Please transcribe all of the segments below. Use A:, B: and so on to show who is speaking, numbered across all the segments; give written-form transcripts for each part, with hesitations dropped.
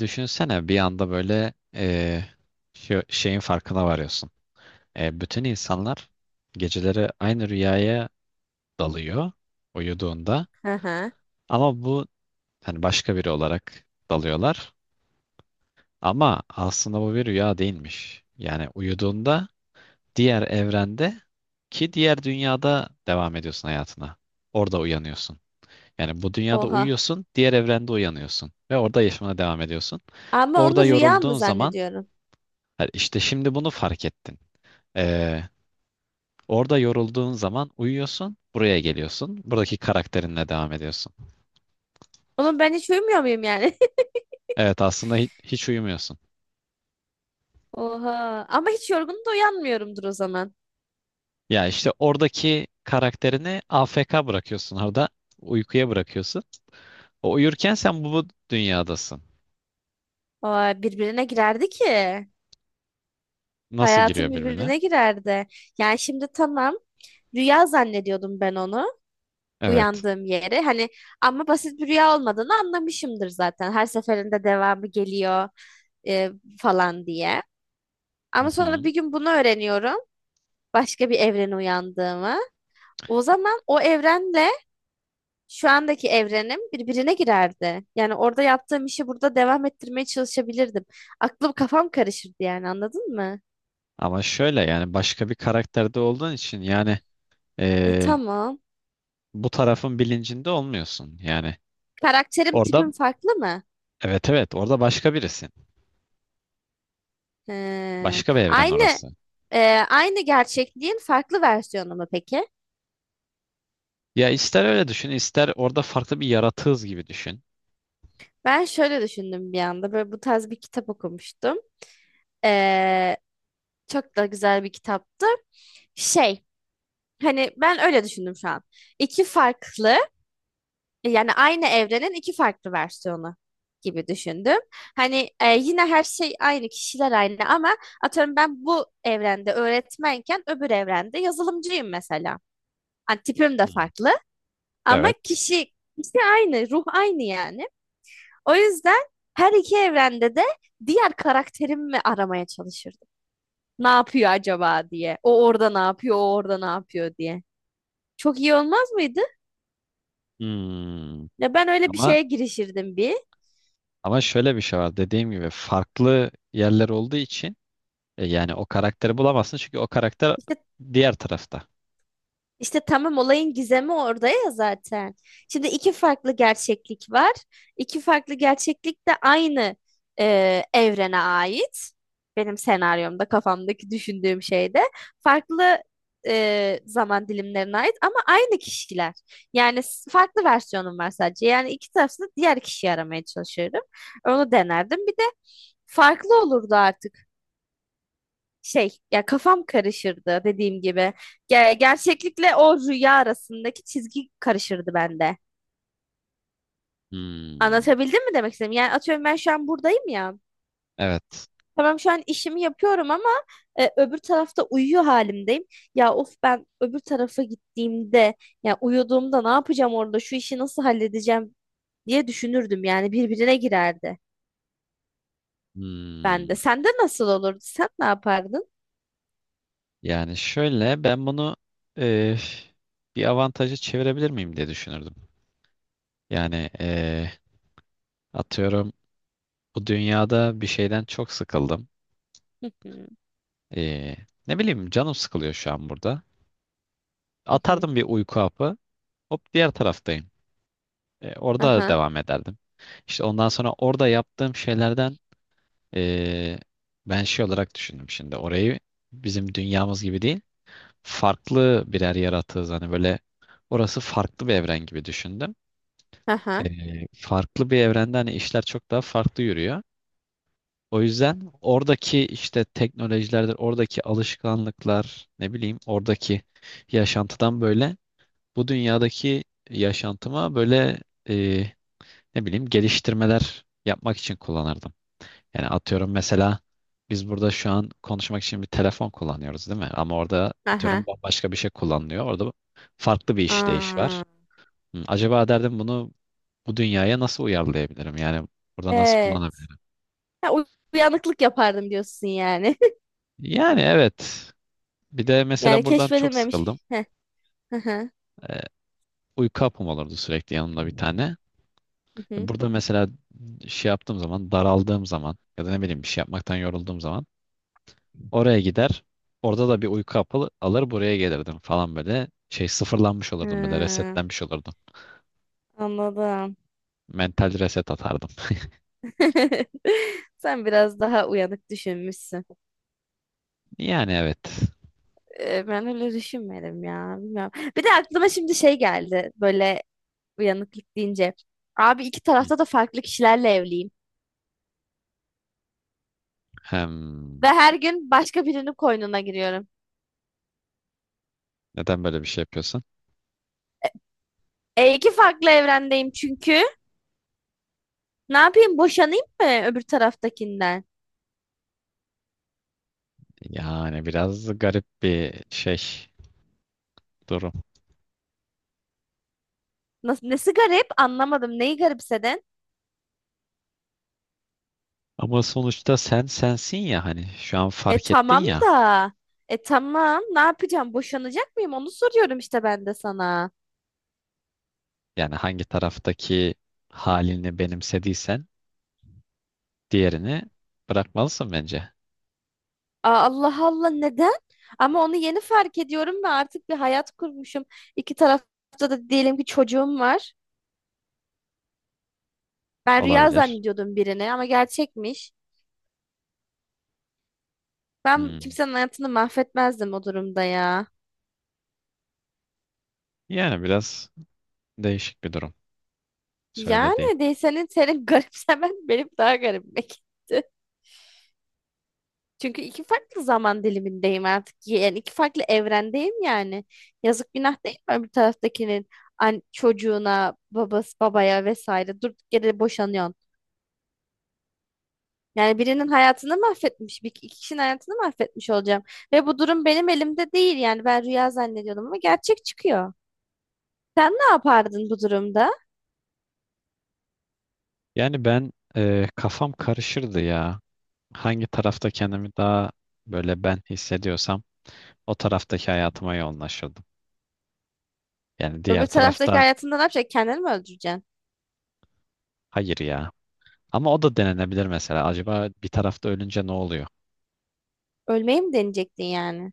A: Düşünsene bir anda böyle şu şeyin farkına varıyorsun. Bütün insanlar geceleri aynı rüyaya dalıyor uyuduğunda,
B: Hı hı.
A: ama bu hani başka biri olarak dalıyorlar. Ama aslında bu bir rüya değilmiş. Yani uyuduğunda diğer evrende ki diğer dünyada devam ediyorsun hayatına. Orada uyanıyorsun. Yani bu dünyada
B: Oha.
A: uyuyorsun, diğer evrende uyanıyorsun ve orada yaşamına devam ediyorsun.
B: Ama
A: Orada
B: onu rüya mı
A: yorulduğun zaman
B: zannediyorum?
A: ha, İşte şimdi bunu fark ettin. Ee, Orada yorulduğun zaman uyuyorsun, buraya geliyorsun. Buradaki karakterinle devam ediyorsun.
B: Oğlum ben hiç uyumuyor muyum yani?
A: Evet, aslında hiç uyumuyorsun.
B: Oha. Ama hiç yorgun da uyanmıyorumdur o zaman.
A: Ya işte oradaki karakterini AFK bırakıyorsun orada. Uykuya bırakıyorsun. O uyurken sen bu dünyadasın.
B: Aa, birbirine girerdi ki.
A: Nasıl
B: Hayatım
A: giriyor birbirine?
B: birbirine girerdi. Yani şimdi tamam. Rüya zannediyordum ben onu.
A: Evet.
B: Uyandığım yeri. Hani ama basit bir rüya olmadığını anlamışımdır zaten. Her seferinde devamı geliyor e, falan diye.
A: Hı
B: Ama sonra
A: hı.
B: bir gün bunu öğreniyorum. Başka bir evrene uyandığımı. O zaman o evrenle şu andaki evrenim birbirine girerdi. Yani orada yaptığım işi burada devam ettirmeye çalışabilirdim. Aklım kafam karışırdı yani anladın mı?
A: Ama şöyle, yani başka bir karakterde olduğun için yani ee,
B: Tamam.
A: bu tarafın bilincinde olmuyorsun. Yani
B: Karakterim
A: orada,
B: tipim farklı mı?
A: evet evet, orada başka birisin.
B: He.
A: Başka bir evren
B: Aynı
A: orası.
B: e, aynı gerçekliğin farklı versiyonu mu peki?
A: Ya ister öyle düşün, ister orada farklı bir yaratığız gibi düşün.
B: Ben şöyle düşündüm bir anda. Böyle bu tarz bir kitap okumuştum. E, Çok da güzel bir kitaptı. Şey, hani ben öyle düşündüm şu an. İki farklı, yani aynı evrenin iki farklı versiyonu gibi düşündüm. Hani yine her şey aynı, kişiler aynı ama atıyorum ben bu evrende öğretmenken öbür evrende yazılımcıyım mesela. Hani tipim de
A: Hmm.
B: farklı ama
A: Evet.
B: kişi aynı, ruh aynı yani. O yüzden her iki evrende de diğer karakterimi aramaya çalışırdım. Ne yapıyor acaba diye. O orada ne yapıyor, o orada ne yapıyor diye. Çok iyi olmaz mıydı?
A: Hmm.
B: Ya ben öyle bir
A: Ama
B: şeye girişirdim bir.
A: ama şöyle bir şey var. Dediğim gibi farklı yerler olduğu için yani o karakteri bulamazsın, çünkü o karakter
B: İşte
A: diğer tarafta.
B: İşte tamam, olayın gizemi orada ya zaten. Şimdi iki farklı gerçeklik var. İki farklı gerçeklik de aynı evrene ait. Benim senaryomda kafamdaki düşündüğüm şeyde farklı zaman dilimlerine ait ama aynı kişiler. Farklı versiyonum var sadece. Yani iki tarafta diğer kişiyi aramaya çalışıyorum. Onu denerdim. Bir de farklı olurdu artık, şey ya kafam karışırdı dediğim gibi. Gerçeklikle o rüya arasındaki çizgi karışırdı bende.
A: Hmm.
B: Anlatabildim mi demek istedim? Yani atıyorum ben şu an buradayım ya.
A: Evet.
B: Tamam, şu an işimi yapıyorum ama öbür tarafta uyuyor halimdeyim. Ya of, ben öbür tarafa gittiğimde, ya uyuduğumda ne yapacağım orada, şu işi nasıl halledeceğim diye düşünürdüm. Yani birbirine girerdi bende.
A: Hmm.
B: Sende nasıl olurdu? Sen ne yapardın?
A: Yani şöyle, ben bunu e, bir avantaja çevirebilir miyim diye düşünürdüm. Yani atıyorum, bu dünyada bir şeyden çok sıkıldım.
B: Hı hı,
A: Eee, Ne bileyim, canım sıkılıyor şu an burada.
B: hı hı.
A: Atardım bir uyku hapı. Hop, diğer taraftayım. Orada
B: Aha,
A: devam ederdim. İşte ondan sonra orada yaptığım şeylerden eee, ben şey olarak düşündüm şimdi. Orayı bizim dünyamız gibi değil. Farklı birer yaratığız. Hani böyle, orası farklı bir evren gibi düşündüm.
B: aha,
A: Farklı bir evrende hani işler çok daha farklı yürüyor. O yüzden oradaki işte teknolojilerdir, oradaki alışkanlıklar, ne bileyim, oradaki yaşantıdan böyle bu dünyadaki yaşantıma böyle e, ne bileyim, geliştirmeler yapmak için kullanırdım. Yani atıyorum, mesela biz burada şu an konuşmak için bir telefon kullanıyoruz, değil mi? Ama orada atıyorum
B: aha.
A: bambaşka bir şey kullanılıyor. Orada farklı bir işleyiş
B: Aa.
A: var. Hı, acaba derdim, bunu bu dünyaya nasıl uyarlayabilirim? Yani burada nasıl
B: Ee,
A: kullanabilirim?
B: Ha, uy- uyanıklık yapardım diyorsun yani.
A: Yani evet. Bir de
B: Yani
A: mesela buradan çok sıkıldım.
B: keşfedilmemiş. Heh, hı hı,
A: Ee, Uyku hapım olurdu sürekli yanımda bir tane.
B: hı
A: E,
B: hı.
A: burada mesela şey yaptığım zaman, daraldığım zaman ya da ne bileyim bir şey yapmaktan yorulduğum zaman oraya gider. Orada da bir uyku hapı alır buraya gelirdim falan böyle. Şey, sıfırlanmış olurdum, böyle
B: Ha,
A: resetlenmiş olurdum.
B: anladım.
A: Mental reset atardım.
B: Sen biraz daha uyanık düşünmüşsün.
A: Yani evet.
B: Ben öyle düşünmedim ya. Bilmiyorum. Bir de aklıma şimdi şey geldi. Böyle, uyanıklık deyince. Abi iki
A: Hı.
B: tarafta da farklı kişilerle evliyim. Ve
A: Hem
B: her gün başka birinin koynuna giriyorum.
A: neden böyle bir şey yapıyorsun?
B: E iki farklı evrendeyim çünkü. Ne yapayım, boşanayım mı öbür taraftakinden?
A: Yani biraz garip bir şey, durum.
B: Nasıl, nesi garip anlamadım. Neyi garipsedin?
A: Ama sonuçta sen sensin ya, hani şu an
B: E
A: fark ettin
B: tamam
A: ya.
B: da. E tamam. Ne yapacağım? Boşanacak mıyım? Onu soruyorum işte ben de sana.
A: Yani hangi taraftaki halini benimsediysen diğerini bırakmalısın bence.
B: Aa, Allah Allah, neden? Ama onu yeni fark ediyorum ve artık bir hayat kurmuşum. İki tarafta da diyelim ki çocuğum var. Ben rüya
A: Olabilir.
B: zannediyordum birini ama gerçekmiş. Ben
A: Hmm.
B: kimsenin hayatını mahvetmezdim o durumda ya.
A: Yani biraz değişik bir durum söylediğin.
B: Yani değil, senin senin garipsemen benim daha garibime gitti. Çünkü iki farklı zaman dilimindeyim artık. Yani iki farklı evrendeyim yani. Yazık, günah değil mi öbür taraftakinin an çocuğuna, babası, babaya vesaire, durduk yere boşanıyorsun. Yani birinin hayatını mahvetmiş, bir iki kişinin hayatını mahvetmiş olacağım. Ve bu durum benim elimde değil yani, ben rüya zannediyordum ama gerçek çıkıyor. Sen ne yapardın bu durumda?
A: Yani ben, kafam karışırdı ya. Hangi tarafta kendimi daha böyle ben hissediyorsam o taraftaki hayatıma yoğunlaşırdım. Yani diğer
B: Öbür taraftaki
A: tarafta,
B: hayatında ne yapacaksın? Kendini mi öldüreceksin?
A: hayır ya. Ama o da denenebilir mesela. Acaba bir tarafta ölünce ne oluyor?
B: Ölmeyi mi deneyecektin yani?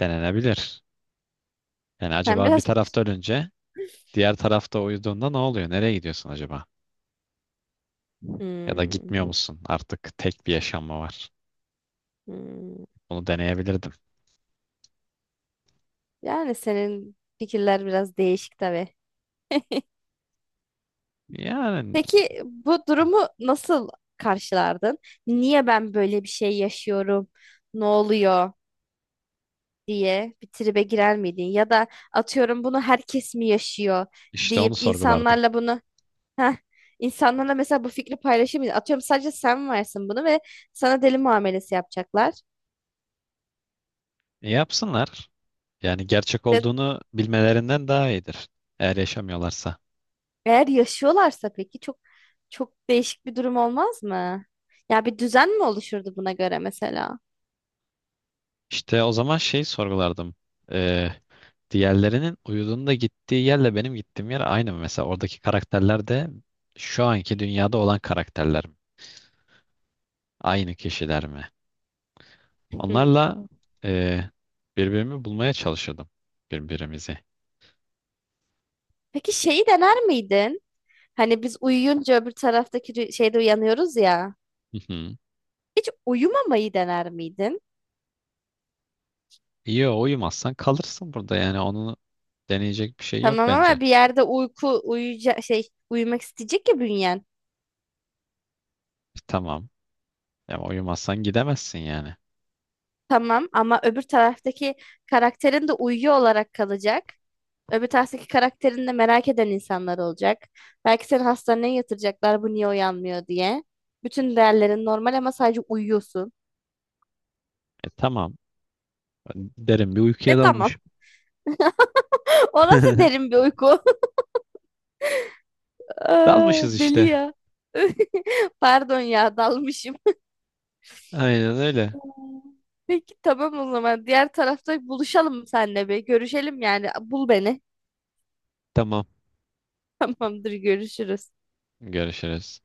A: Denenebilir. Yani
B: Sen
A: acaba bir
B: biraz...
A: tarafta ölünce diğer tarafta uyuduğunda ne oluyor? Nereye gidiyorsun acaba? Ya da
B: Hmm,
A: gitmiyor musun? Artık tek bir yaşam mı var?
B: hmm.
A: Bunu deneyebilirdim.
B: Yani senin fikirler biraz değişik tabii.
A: Yani
B: Peki bu durumu nasıl karşılardın? Niye ben böyle bir şey yaşıyorum? Ne oluyor diye bir tribe girer miydin? Ya da atıyorum bunu herkes mi yaşıyor
A: işte onu
B: deyip
A: sorgulardım.
B: insanlarla bunu, heh, insanlarla mesela bu fikri paylaşır mıydın? Atıyorum sadece sen varsın bunu ve sana deli muamelesi yapacaklar.
A: E, yapsınlar. Yani gerçek
B: Ve
A: olduğunu bilmelerinden daha iyidir. Eğer yaşamıyorlarsa.
B: eğer yaşıyorlarsa peki çok değişik bir durum olmaz mı? Ya bir düzen mi oluşurdu buna göre mesela?
A: İşte o zaman şey sorgulardım. E, Diğerlerinin uyuduğunda gittiği yerle benim gittiğim yer aynı mı? Mesela oradaki karakterler de şu anki dünyada olan karakterler mi? Aynı kişiler mi?
B: Hmm.
A: Onlarla e, birbirimi bulmaya çalışırdım. Birbirimizi.
B: Peki şeyi dener miydin? Hani biz uyuyunca öbür taraftaki şeyde uyanıyoruz ya. Hiç uyumamayı dener miydin?
A: Yo, uyumazsan kalırsın burada, yani onu deneyecek bir şey yok
B: Tamam
A: bence.
B: ama bir yerde uyku uyuyacak, şey, uyumak isteyecek ya bünyen.
A: E, tamam. Ya uyumazsan gidemezsin yani.
B: Tamam ama öbür taraftaki karakterin de uyuyor olarak kalacak. Öbür taraftaki karakterin de merak eden insanlar olacak. Belki seni hastaneye yatıracaklar, bu niye uyanmıyor diye. Bütün değerlerin normal ama sadece uyuyorsun.
A: E tamam. Derin bir
B: E
A: uykuya
B: tamam.
A: dalmış.
B: O nasıl derin bir uyku? Aa,
A: Dalmışız
B: deli
A: işte.
B: ya. Pardon ya, dalmışım.
A: Aynen öyle.
B: Hmm. Peki tamam o zaman. Diğer tarafta buluşalım seninle bir. Görüşelim yani. Bul beni.
A: Tamam.
B: Tamamdır, görüşürüz.
A: Görüşürüz.